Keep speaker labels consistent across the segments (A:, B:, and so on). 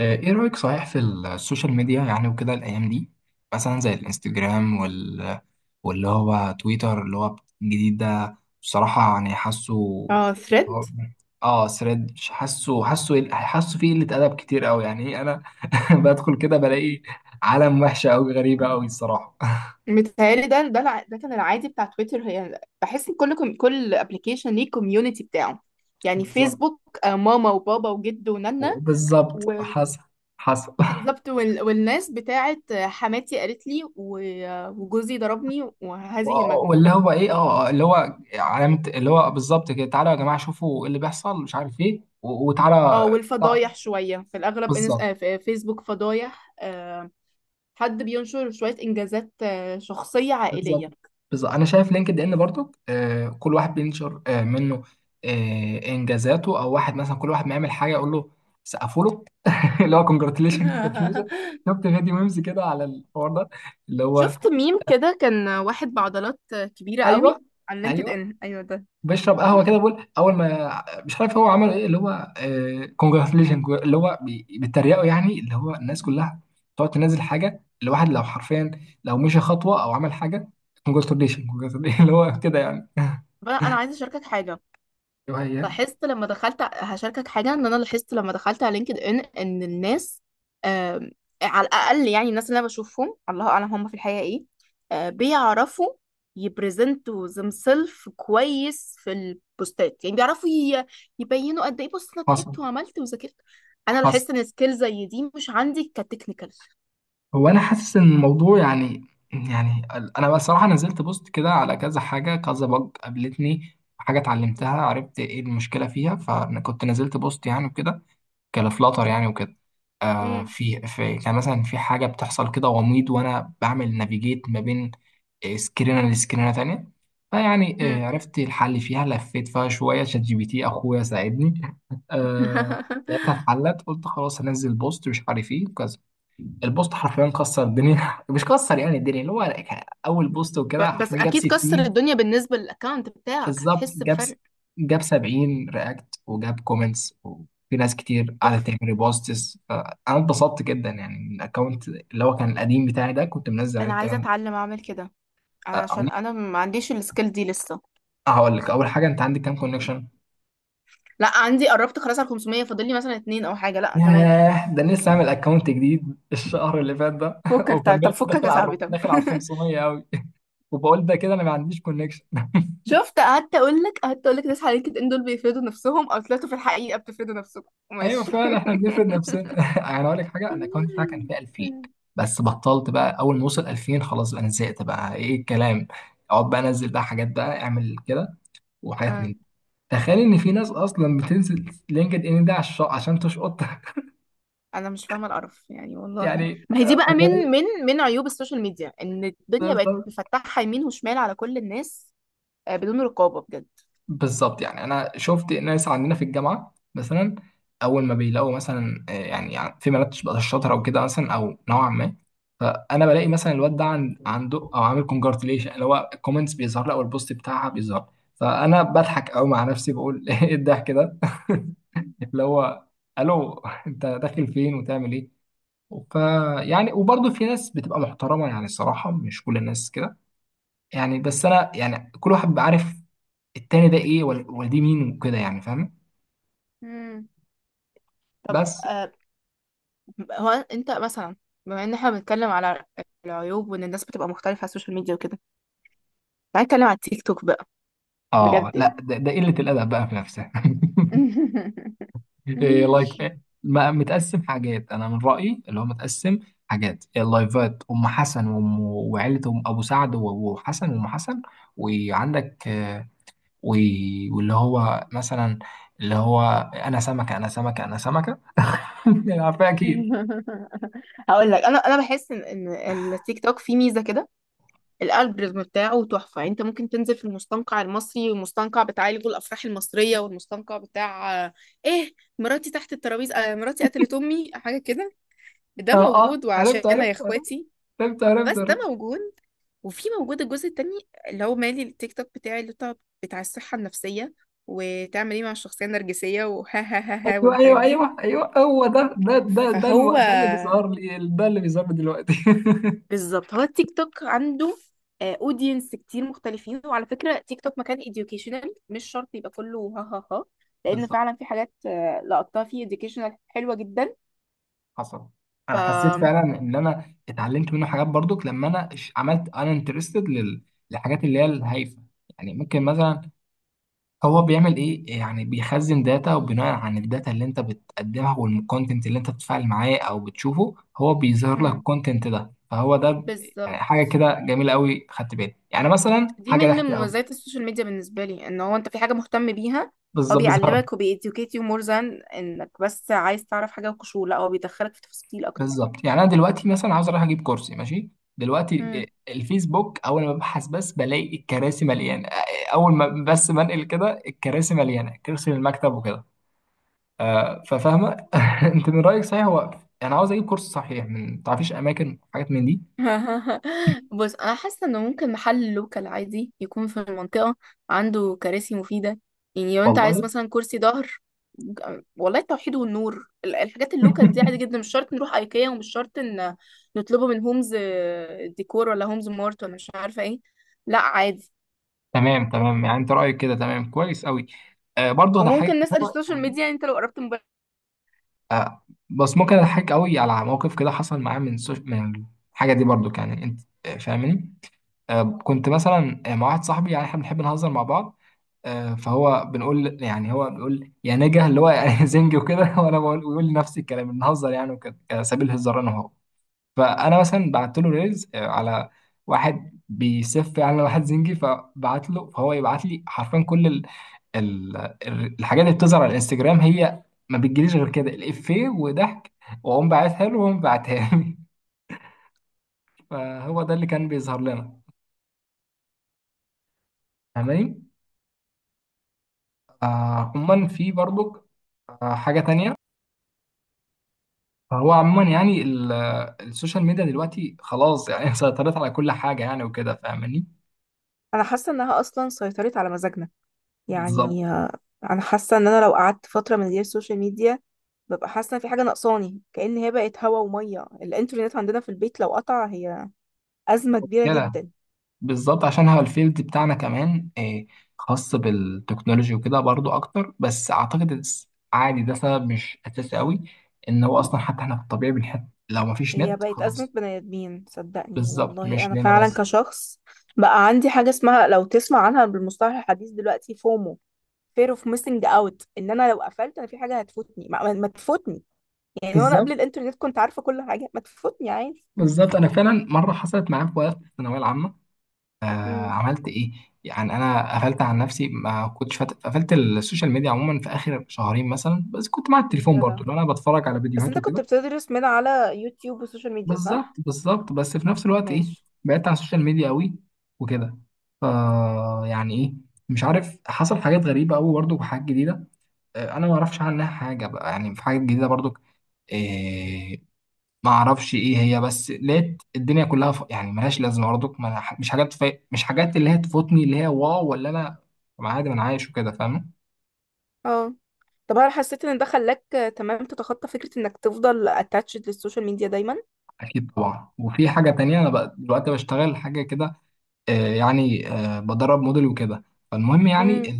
A: ايه رأيك صحيح في السوشيال ميديا، يعني وكده الايام دي، مثلا زي الانستجرام واللي هو تويتر اللي هو الجديد ده بصراحة، يعني حاسه
B: اه، ثريد.
A: اه ثريد. حاسه فيه قلة ادب كتير قوي، يعني إيه، انا بدخل كده بلاقي عالم وحشة قوي، غريبة قوي الصراحة.
B: متهيألي ده كان العادي بتاع تويتر. يعني بحس ان كل ابلكيشن ليه كوميونتي بتاعه. يعني
A: بالظبط.
B: فيسبوك، ماما وبابا وجد ونانا،
A: بالظبط
B: و
A: حصل. حصل.
B: والناس بتاعت حماتي قالت لي و- آه، وجوزي ضربني وهذه
A: و-
B: المجموعة.
A: واللي هو ايه اللي هو علامة، اللي هو بالظبط كده، تعالوا يا جماعة شوفوا ايه اللي بيحصل مش عارف ايه، و-
B: اه،
A: وتعالى.
B: والفضايح شوية في الأغلب إنس...
A: بالظبط.
B: آه، في- آه، فيسبوك فضايح، حد بينشر شوية إنجازات، شخصية
A: بالظبط.
B: عائلية.
A: بالظبط انا شايف لينكد ان برضو، كل واحد بينشر منه انجازاته، او واحد مثلا كل واحد ما يعمل حاجه يقول له سقفوا له. اللي هو كونجراتيليشن كونجراتيليشن. شفت فيديو ميمز كده على الحوار ده، اللي هو
B: شفت ميم كده، كان واحد بعضلات كبيرة
A: ايوه.
B: قوي على لينكد
A: ايوه
B: ان، ايوه ده.
A: بيشرب قهوه كده بيقول اول ما مش عارف هو عمل ايه، اللي هو كونجراتيليشن، اللي هو بيتريقوا يعني، اللي هو الناس كلها تقعد تنزل حاجه، الواحد لو حرفيا لو مشي خطوه او عمل حاجه كونجراتيليشن كونجراتيليشن. اللي هو كده يعني.
B: بقى انا عايزة اشاركك حاجة.
A: وهي.
B: لاحظت لما دخلت ع- هشاركك حاجة، ان انا لاحظت لما دخلت على لينكد ان ان الناس، آم، على الاقل يعني الناس اللي انا بشوفهم، الله اعلم هم في الحقيقة ايه، بيعرفوا يبرزنتوا themselves كويس في البوستات. يعني يبينوا قد ايه، بص انا تعبت
A: حصل.
B: وعملت وذاكرت. انا
A: حصل.
B: لاحظت ان سكيل زي دي مش عندي، كتكنيكال.
A: هو انا حاسس ان الموضوع يعني، يعني انا بصراحه نزلت بوست كده على كذا حاجه، كذا بج قابلتني حاجه اتعلمتها عرفت ايه المشكله فيها، فانا كنت نزلت بوست يعني وكده كفلاتر يعني وكده.
B: امم.
A: في كان مثلا في حاجة بتحصل كده غميض، وأنا بعمل نافيجيت ما بين سكرينة لسكرينة تانية. فيعني عرفت الحل فيها، لفيت فيها شوية شات جي بي تي، أخويا ساعدني. آه لقيتها اتحلت، قلت خلاص هنزل بوست مش عارف ايه كذا. البوست حرفيا كسر الدنيا، مش كسر يعني الدنيا، اللي هو اول بوست وكده
B: بس
A: حرفيا جاب
B: اكيد كسر
A: 60.
B: الدنيا بالنسبه للاكونت بتاعك،
A: بالظبط
B: هتحس بفرق.
A: جاب 70 رياكت وجاب كومنتس، وفي ناس كتير قعدت
B: تحفه.
A: تعمل ريبوستس، فانا اتبسطت جدا يعني من الاكونت اللي هو كان القديم بتاعي ده، كنت منزل عليه
B: انا عايزه
A: الكلام ده.
B: اتعلم اعمل كده،
A: أ- أ-
B: عشان انا ما عنديش السكيل دي لسه.
A: هقول لك اول حاجه، انت عندك كام كونكشن؟
B: لا عندي، قربت خلاص على 500، فاضل لي مثلا اتنين او حاجه، لا تمام.
A: ياه، ده أنا لسه عامل اكونت جديد الشهر اللي فات ده،
B: فكك، طب طب
A: وكملت
B: فكك
A: داخل
B: يا
A: على
B: صاحبي طب.
A: داخل على ال 500 قوي. وبقول ده كده انا ما عنديش كونكشن.
B: شفت؟ قعدت اقول لك ناس على لينكد ان دول بيفيدوا نفسهم، او طلعتوا في الحقيقه بتفيدوا نفسكم،
A: ايوه
B: ماشي.
A: فعلا احنا بنفرض نفسنا. يعني اقول لك حاجه، انا الاكونت بتاعي كان فيه 2000، بس بطلت بقى اول ما وصل 2000 خلاص، بقى انا زهقت بقى ايه الكلام، اقعد بقى انزل بقى حاجات بقى اعمل كده وحاجات من
B: آه.
A: دي. تخيل ان في ناس اصلا بتنزل لينكد ان ده عشان تشقط.
B: انا مش فاهمه القرف، يعني والله
A: يعني
B: ما هي دي بقى من
A: تخيل.
B: من من عيوب السوشيال ميديا، ان الدنيا بقت مفتحه يمين وشمال على كل الناس، بدون رقابه بجد.
A: بالظبط يعني انا شفت ناس عندنا في الجامعه مثلا، اول ما بيلاقوا مثلا يعني، يعني في بنات بقى شاطره او كده مثلا او نوعا ما، فانا بلاقي مثلا الواد ده عنده او عامل كونجراتيليشن، اللي هو الكومنتس بيظهر لي او البوست بتاعها بيظهر، فانا بضحك قوي مع نفسي بقول ايه الضحك ده. اللي هو الو، انت داخل فين وتعمل ايه؟ ف، يعني وبرضه في ناس بتبقى محترمه، يعني الصراحه مش كل الناس كده، يعني بس انا يعني كل واحد بيبقى عارف التاني ده ايه، ولا دي مين وكده يعني فاهم.
B: امم. طب،
A: بس
B: هو انت مثلا، بما ان احنا بنتكلم على العيوب، وان الناس بتبقى مختلفه على السوشيال ميديا وكده، تعالى نتكلم على التيك توك بقى.
A: اه
B: بجد يعني.
A: لا ده قله الادب بقى في نفسها. إيه لايك ما متقسم حاجات، انا من رايي اللي هو متقسم حاجات، اللايفات ام حسن وام وعيله ام ابو سعد و- وحسن وام حسن، وعندك و- واللي هو مثلا، اللي هو انا سمكه، انا سمكه، انا سمكه. عارفها اكيد.
B: هقول لك، انا بحس ان التيك توك فيه ميزه كده. الالجوريزم بتاعه تحفة. يعني انت ممكن تنزل في المستنقع المصري، والمستنقع بتاع الجو، الافراح المصرية، والمستنقع بتاع ايه، مراتي تحت الترابيزة، مراتي قتلت امي، حاجة كده. ده
A: اه. اه
B: موجود
A: عرفت
B: وعشانها يا
A: عرفت عرفت.
B: اخواتي.
A: عرفت
B: بس ده
A: عرفت.
B: موجود. وفي موجود الجزء التاني، اللي هو مالي التيك توك بتاعي، اللي بتاع الصحة النفسية، وتعمل ايه مع الشخصية النرجسية، وها ها ها ها،
A: ايوه
B: والحاجات
A: ايوه
B: دي.
A: ايوه ايوه، هو ده
B: فهو
A: ده اللي بيظهر لي، ده اللي بيظهر لي دلوقتي.
B: بالظبط، هو التيك توك عنده اودينس كتير مختلفين. وعلى فكره تيك توك مكان educational، مش شرط يبقى كله ها ها ها، لان
A: بالظبط.
B: فعلا في حاجات، لقطتها فيه educational حلوه جدا.
A: حصل.
B: ف
A: انا حسيت فعلا ان انا اتعلمت منه حاجات برضك، لما انا عملت، انا انترستد للحاجات اللي هي الهايفه. يعني ممكن مثلا، هو بيعمل ايه يعني، بيخزن داتا وبناء عن الداتا اللي انت بتقدمها والكونتنت اللي انت بتتفاعل معاه او بتشوفه، هو بيظهر لك
B: مم.
A: الكونتنت ده، فهو ده يعني
B: بالظبط.
A: حاجه كده جميله قوي، خدت بالي يعني مثلا
B: دي
A: حاجه
B: من
A: ضحكه قوي.
B: مميزات السوشيال ميديا بالنسبه لي، ان هو انت في حاجه مهتم بيها، هو
A: بالظبط بيظهر.
B: بيعلمك، وبيeducate you more than انك بس عايز تعرف حاجه وقشور. لا، هو بيدخلك في تفاصيل اكتر.
A: بالظبط يعني انا دلوقتي مثلا عاوز اروح اجيب كرسي، ماشي. دلوقتي إيه، الفيسبوك اول ما ببحث بس بلاقي الكراسي مليانه، اول ما بس بنقل كده الكراسي مليانه كرسي للمكتب وكده. ففاهمه. انت من رايك صحيح، هو انا عاوز اجيب كرسي صحيح، من تعرفيش اماكن حاجات من دي؟
B: بص، انا حاسه انه ممكن محل لوكال عادي يكون في المنطقه عنده كراسي مفيده. يعني لو انت
A: والله.
B: عايز مثلا كرسي ظهر، والله التوحيد والنور، الحاجات اللوكال دي عادي جدا. مش شرط نروح ايكيا، ومش شرط ان نطلبه من هومز ديكور، ولا هومز مارت، ولا مش عارفه ايه. لا عادي.
A: تمام تمام، يعني انت رايك كده تمام كويس قوي. برضه هضحكك
B: وممكن نسال
A: مرة،
B: السوشيال
A: يعني
B: ميديا، يعني انت لو قربت موبايل.
A: آه بس ممكن اضحك قوي على موقف كده حصل معايا من الحاجه دي برضه، يعني انت فاهمني. كنت مثلا مع واحد صاحبي، يعني احنا بنحب نهزر مع بعض، فهو بنقول يعني هو بيقول يا نجا، اللي هو يعني زنجي وكده، وانا بقول ويقول لي نفس الكلام بنهزر يعني وكده كسبيل هزار انا وهو، فانا مثلا بعت له ريلز على واحد بيسف يعني على واحد زنجي، فبعت له فهو يبعت لي حرفيا كل الحاجات اللي بتظهر على الانستجرام، هي ما بتجيليش غير كده الافيه وضحك، واقوم باعتها له وهو باعتها لي. فهو ده اللي كان بيظهر لنا فاهماني. عموما في برضك حاجة تانية. فهو عموما يعني السوشيال ميديا دلوقتي خلاص، يعني سيطرت على كل حاجة يعني، وكده فاهماني.
B: انا حاسه انها اصلا سيطرت على مزاجنا.
A: بالظبط
B: يعني آه، انا حاسه ان انا لو قعدت فتره من غير سوشيال ميديا، ببقى حاسة إن في حاجة ناقصاني. كأن هي بقت هوا ومية. الإنترنت عندنا في البيت لو قطع، هي أزمة كبيرة
A: كده.
B: جدا.
A: بالظبط عشان هو الفيلد بتاعنا كمان خاص بالتكنولوجي وكده برضو أكتر، بس أعتقد عادي ده سبب مش أساسي قوي، إن هو أصلا حتى إحنا في الطبيعي بنحب لو مفيش
B: هي
A: نت
B: بقت أزمة
A: خلاص.
B: بني آدمين، صدقني
A: بالظبط
B: والله.
A: مش
B: أنا
A: لنا
B: فعلا
A: بس.
B: كشخص بقى عندي حاجة اسمها، لو تسمع عنها بالمصطلح الحديث دلوقتي، فومو، fear of missing out. ان انا لو قفلت، انا في حاجه هتفوتني ما تفوتني. يعني وانا
A: بالظبط.
B: قبل الانترنت كنت عارفه كل حاجه ما تفوتني، عادي.
A: بالظبط أنا فعلا مرة حصلت معايا في وقت الثانوية العامة. آه
B: امم.
A: عملت ايه؟ يعني انا قفلت عن نفسي ما كنتش قفلت السوشيال ميديا عموما في اخر شهرين مثلا، بس كنت مع التليفون
B: جدع.
A: برضو، اللي انا بتفرج على
B: بس
A: فيديوهات
B: انت كنت
A: وكده.
B: بتدرس من على يوتيوب وسوشيال ميديا،
A: بالظبط.
B: صح؟
A: بالظبط بس في نفس الوقت ايه،
B: ماشي.
A: بعدت عن السوشيال ميديا قوي وكده. ف، يعني ايه، مش عارف حصل حاجات غريبه قوي برضو وحاجات جديده. انا ما اعرفش عنها حاجه بقى، يعني في حاجات جديده برضو ما اعرفش ايه هي، بس لقيت الدنيا كلها يعني ملهاش لازمه برضك، ما... مش حاجات مش حاجات اللي هي تفوتني اللي هي واو، ولا انا طب عادي ما انا عايش وكده فاهم.
B: اه. طب هل حسيت ان ده خلاك، تمام، تتخطى فكرة انك تفضل اتاتشد للسوشيال ميديا دايما؟
A: اكيد طبعا، وفي حاجه تانية انا بقى دلوقتي بشتغل حاجه كده، يعني بدرب موديل وكده. فالمهم يعني
B: امم.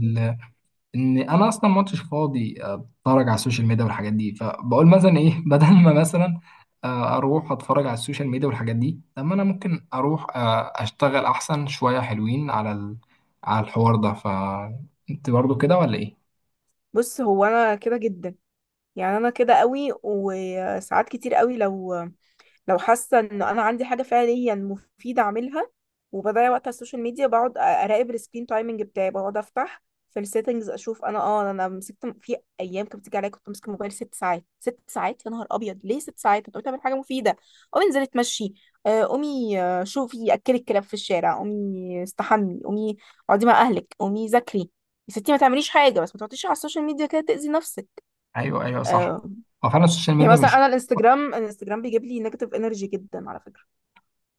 A: ان انا اصلا ما كنتش فاضي اتفرج على السوشيال ميديا والحاجات دي، فبقول مثلا ايه بدل ما مثلا اروح اتفرج على السوشيال ميديا والحاجات دي، طب ما انا ممكن اروح اشتغل احسن شوية حلوين على على الحوار ده، فانت برضو كده ولا ايه؟
B: بص، هو انا كده جدا. يعني انا كده قوي، وساعات كتير قوي لو، لو حاسة ان انا عندي حاجة فعليا مفيدة اعملها، وبضيع وقت على السوشيال ميديا، بقعد اراقب السكرين تايمنج بتاعي. بقعد افتح في السيتنجز اشوف. انا اه، انا مسكت في ايام كانت بتيجي عليا كنت ماسكه الموبايل ست ساعات. ست ساعات، يا نهار ابيض، ليه ست ساعات؟ انت قلت اعمل حاجه مفيده. قومي انزلي اتمشي، قومي شوفي اكلي الكلاب في الشارع، قومي استحمي، قومي اقعدي مع اهلك، قومي ذاكري. يا ستي ما تعمليش حاجه، بس ما تقعديش على السوشيال ميديا كده تاذي نفسك.
A: ايوه ايوه صح.
B: آه،
A: هو فعلا السوشيال
B: يعني
A: ميديا
B: مثلا
A: مش.
B: انا الانستجرام، بيجيب لي نيجاتيف انرجي جدا على فكره.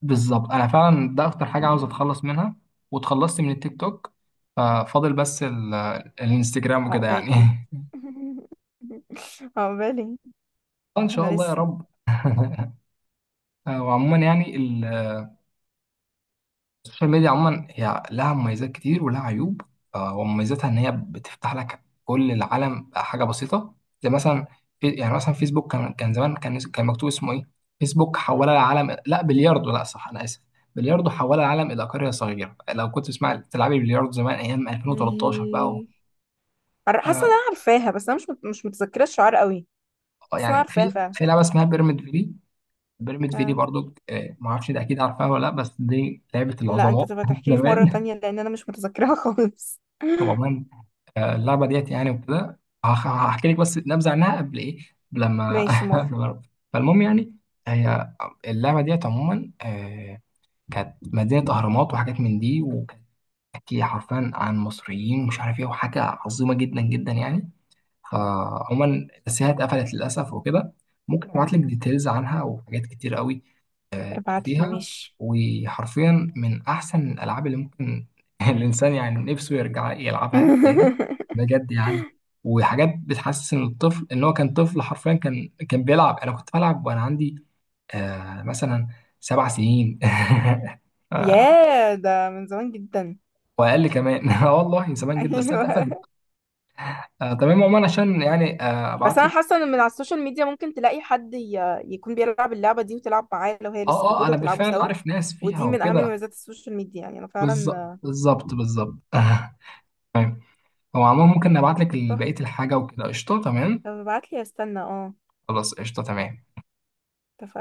A: بالظبط انا فعلا ده اكتر حاجة عاوز اتخلص منها، واتخلصت من التيك توك، ففاضل بس الانستجرام وكده يعني.
B: عقبالي. عقبالي.
A: ان شاء
B: انا
A: الله يا
B: لسه.
A: رب. وعموما يعني السوشيال ميديا عموما هي لها مميزات كتير ولها عيوب، ومميزاتها ان هي بتفتح لك كل العالم حاجه بسيطه، زي مثلا في يعني مثلا فيسبوك كان زمان كان مكتوب اسمه ايه، فيسبوك حول العالم، لا بلياردو لا صح، انا اسف، بلياردو حول العالم الى قريه صغيره، لو كنت تسمع تلعبي بلياردو زمان ايام 2013 بقى و...
B: ال- حاسه
A: آه
B: ان انا عارفاها، بس انا مش متذكره الشعار قوي. حاسه ان انا
A: يعني
B: عارفاها
A: في
B: فعلا.
A: لعبه اسمها بيراميد فيلي، بيراميد فيلي
B: آه.
A: برضو ما اعرفش ده اكيد عارفها ولا لا، بس دي لعبه
B: لا انت
A: العظماء.
B: تبقى تحكي لي في مره
A: زمان.
B: تانية، لان انا مش متذكرها خالص.
A: طبعا اللعبه ديت يعني وكده، هحكي لك بس نبذه عنها، قبل ايه، قبل لما
B: ماشي، موافقه.
A: لما- فالمهم يعني، هي اللعبه ديت عموما كانت مدينه اهرامات وحاجات من دي، وكانت بتحكي حرفيا عن مصريين ومش عارف ايه، وحاجه عظيمه جدا جدا يعني. فعموما بس هي اتقفلت للاسف وكده، ممكن ابعت لك ديتيلز عنها وحاجات كتير قوي
B: ابعت لي،
A: فيها،
B: ماشي.
A: وحرفيا من احسن الالعاب اللي ممكن الانسان يعني نفسه يرجع يلعبها تاني، بجد يعني. وحاجات بتحسن الطفل، ان هو كان طفل حرفيا، كان بيلعب، انا كنت بلعب وانا عندي مثلا 7 سنين. آه،
B: ياه، ده من زمان جدا.
A: واقل كمان. اه والله زمان جدا، بس هي اتقفلت.
B: ايوه.
A: تمام عموما، عشان يعني
B: بس
A: ابعت
B: انا
A: لك.
B: حاسه ان من على السوشيال ميديا ممكن تلاقي حد يكون بيلعب اللعبه دي، وتلعب معاه لو هي لسه
A: اه. اه
B: موجوده،
A: انا
B: وتلعبوا
A: بالفعل
B: سوا.
A: عارف ناس فيها
B: ودي من اهم
A: وكده.
B: مميزات السوشيال ميديا يعني، انا
A: بالظبط
B: فعلا.
A: بالظبط بالظبط. هو عموما ممكن نبعت لك
B: تحفه.
A: بقية الحاجة وكده، قشطة تمام.
B: طب ابعت لي، استنى اه.
A: خلاص قشطة تمام.
B: اتفقنا.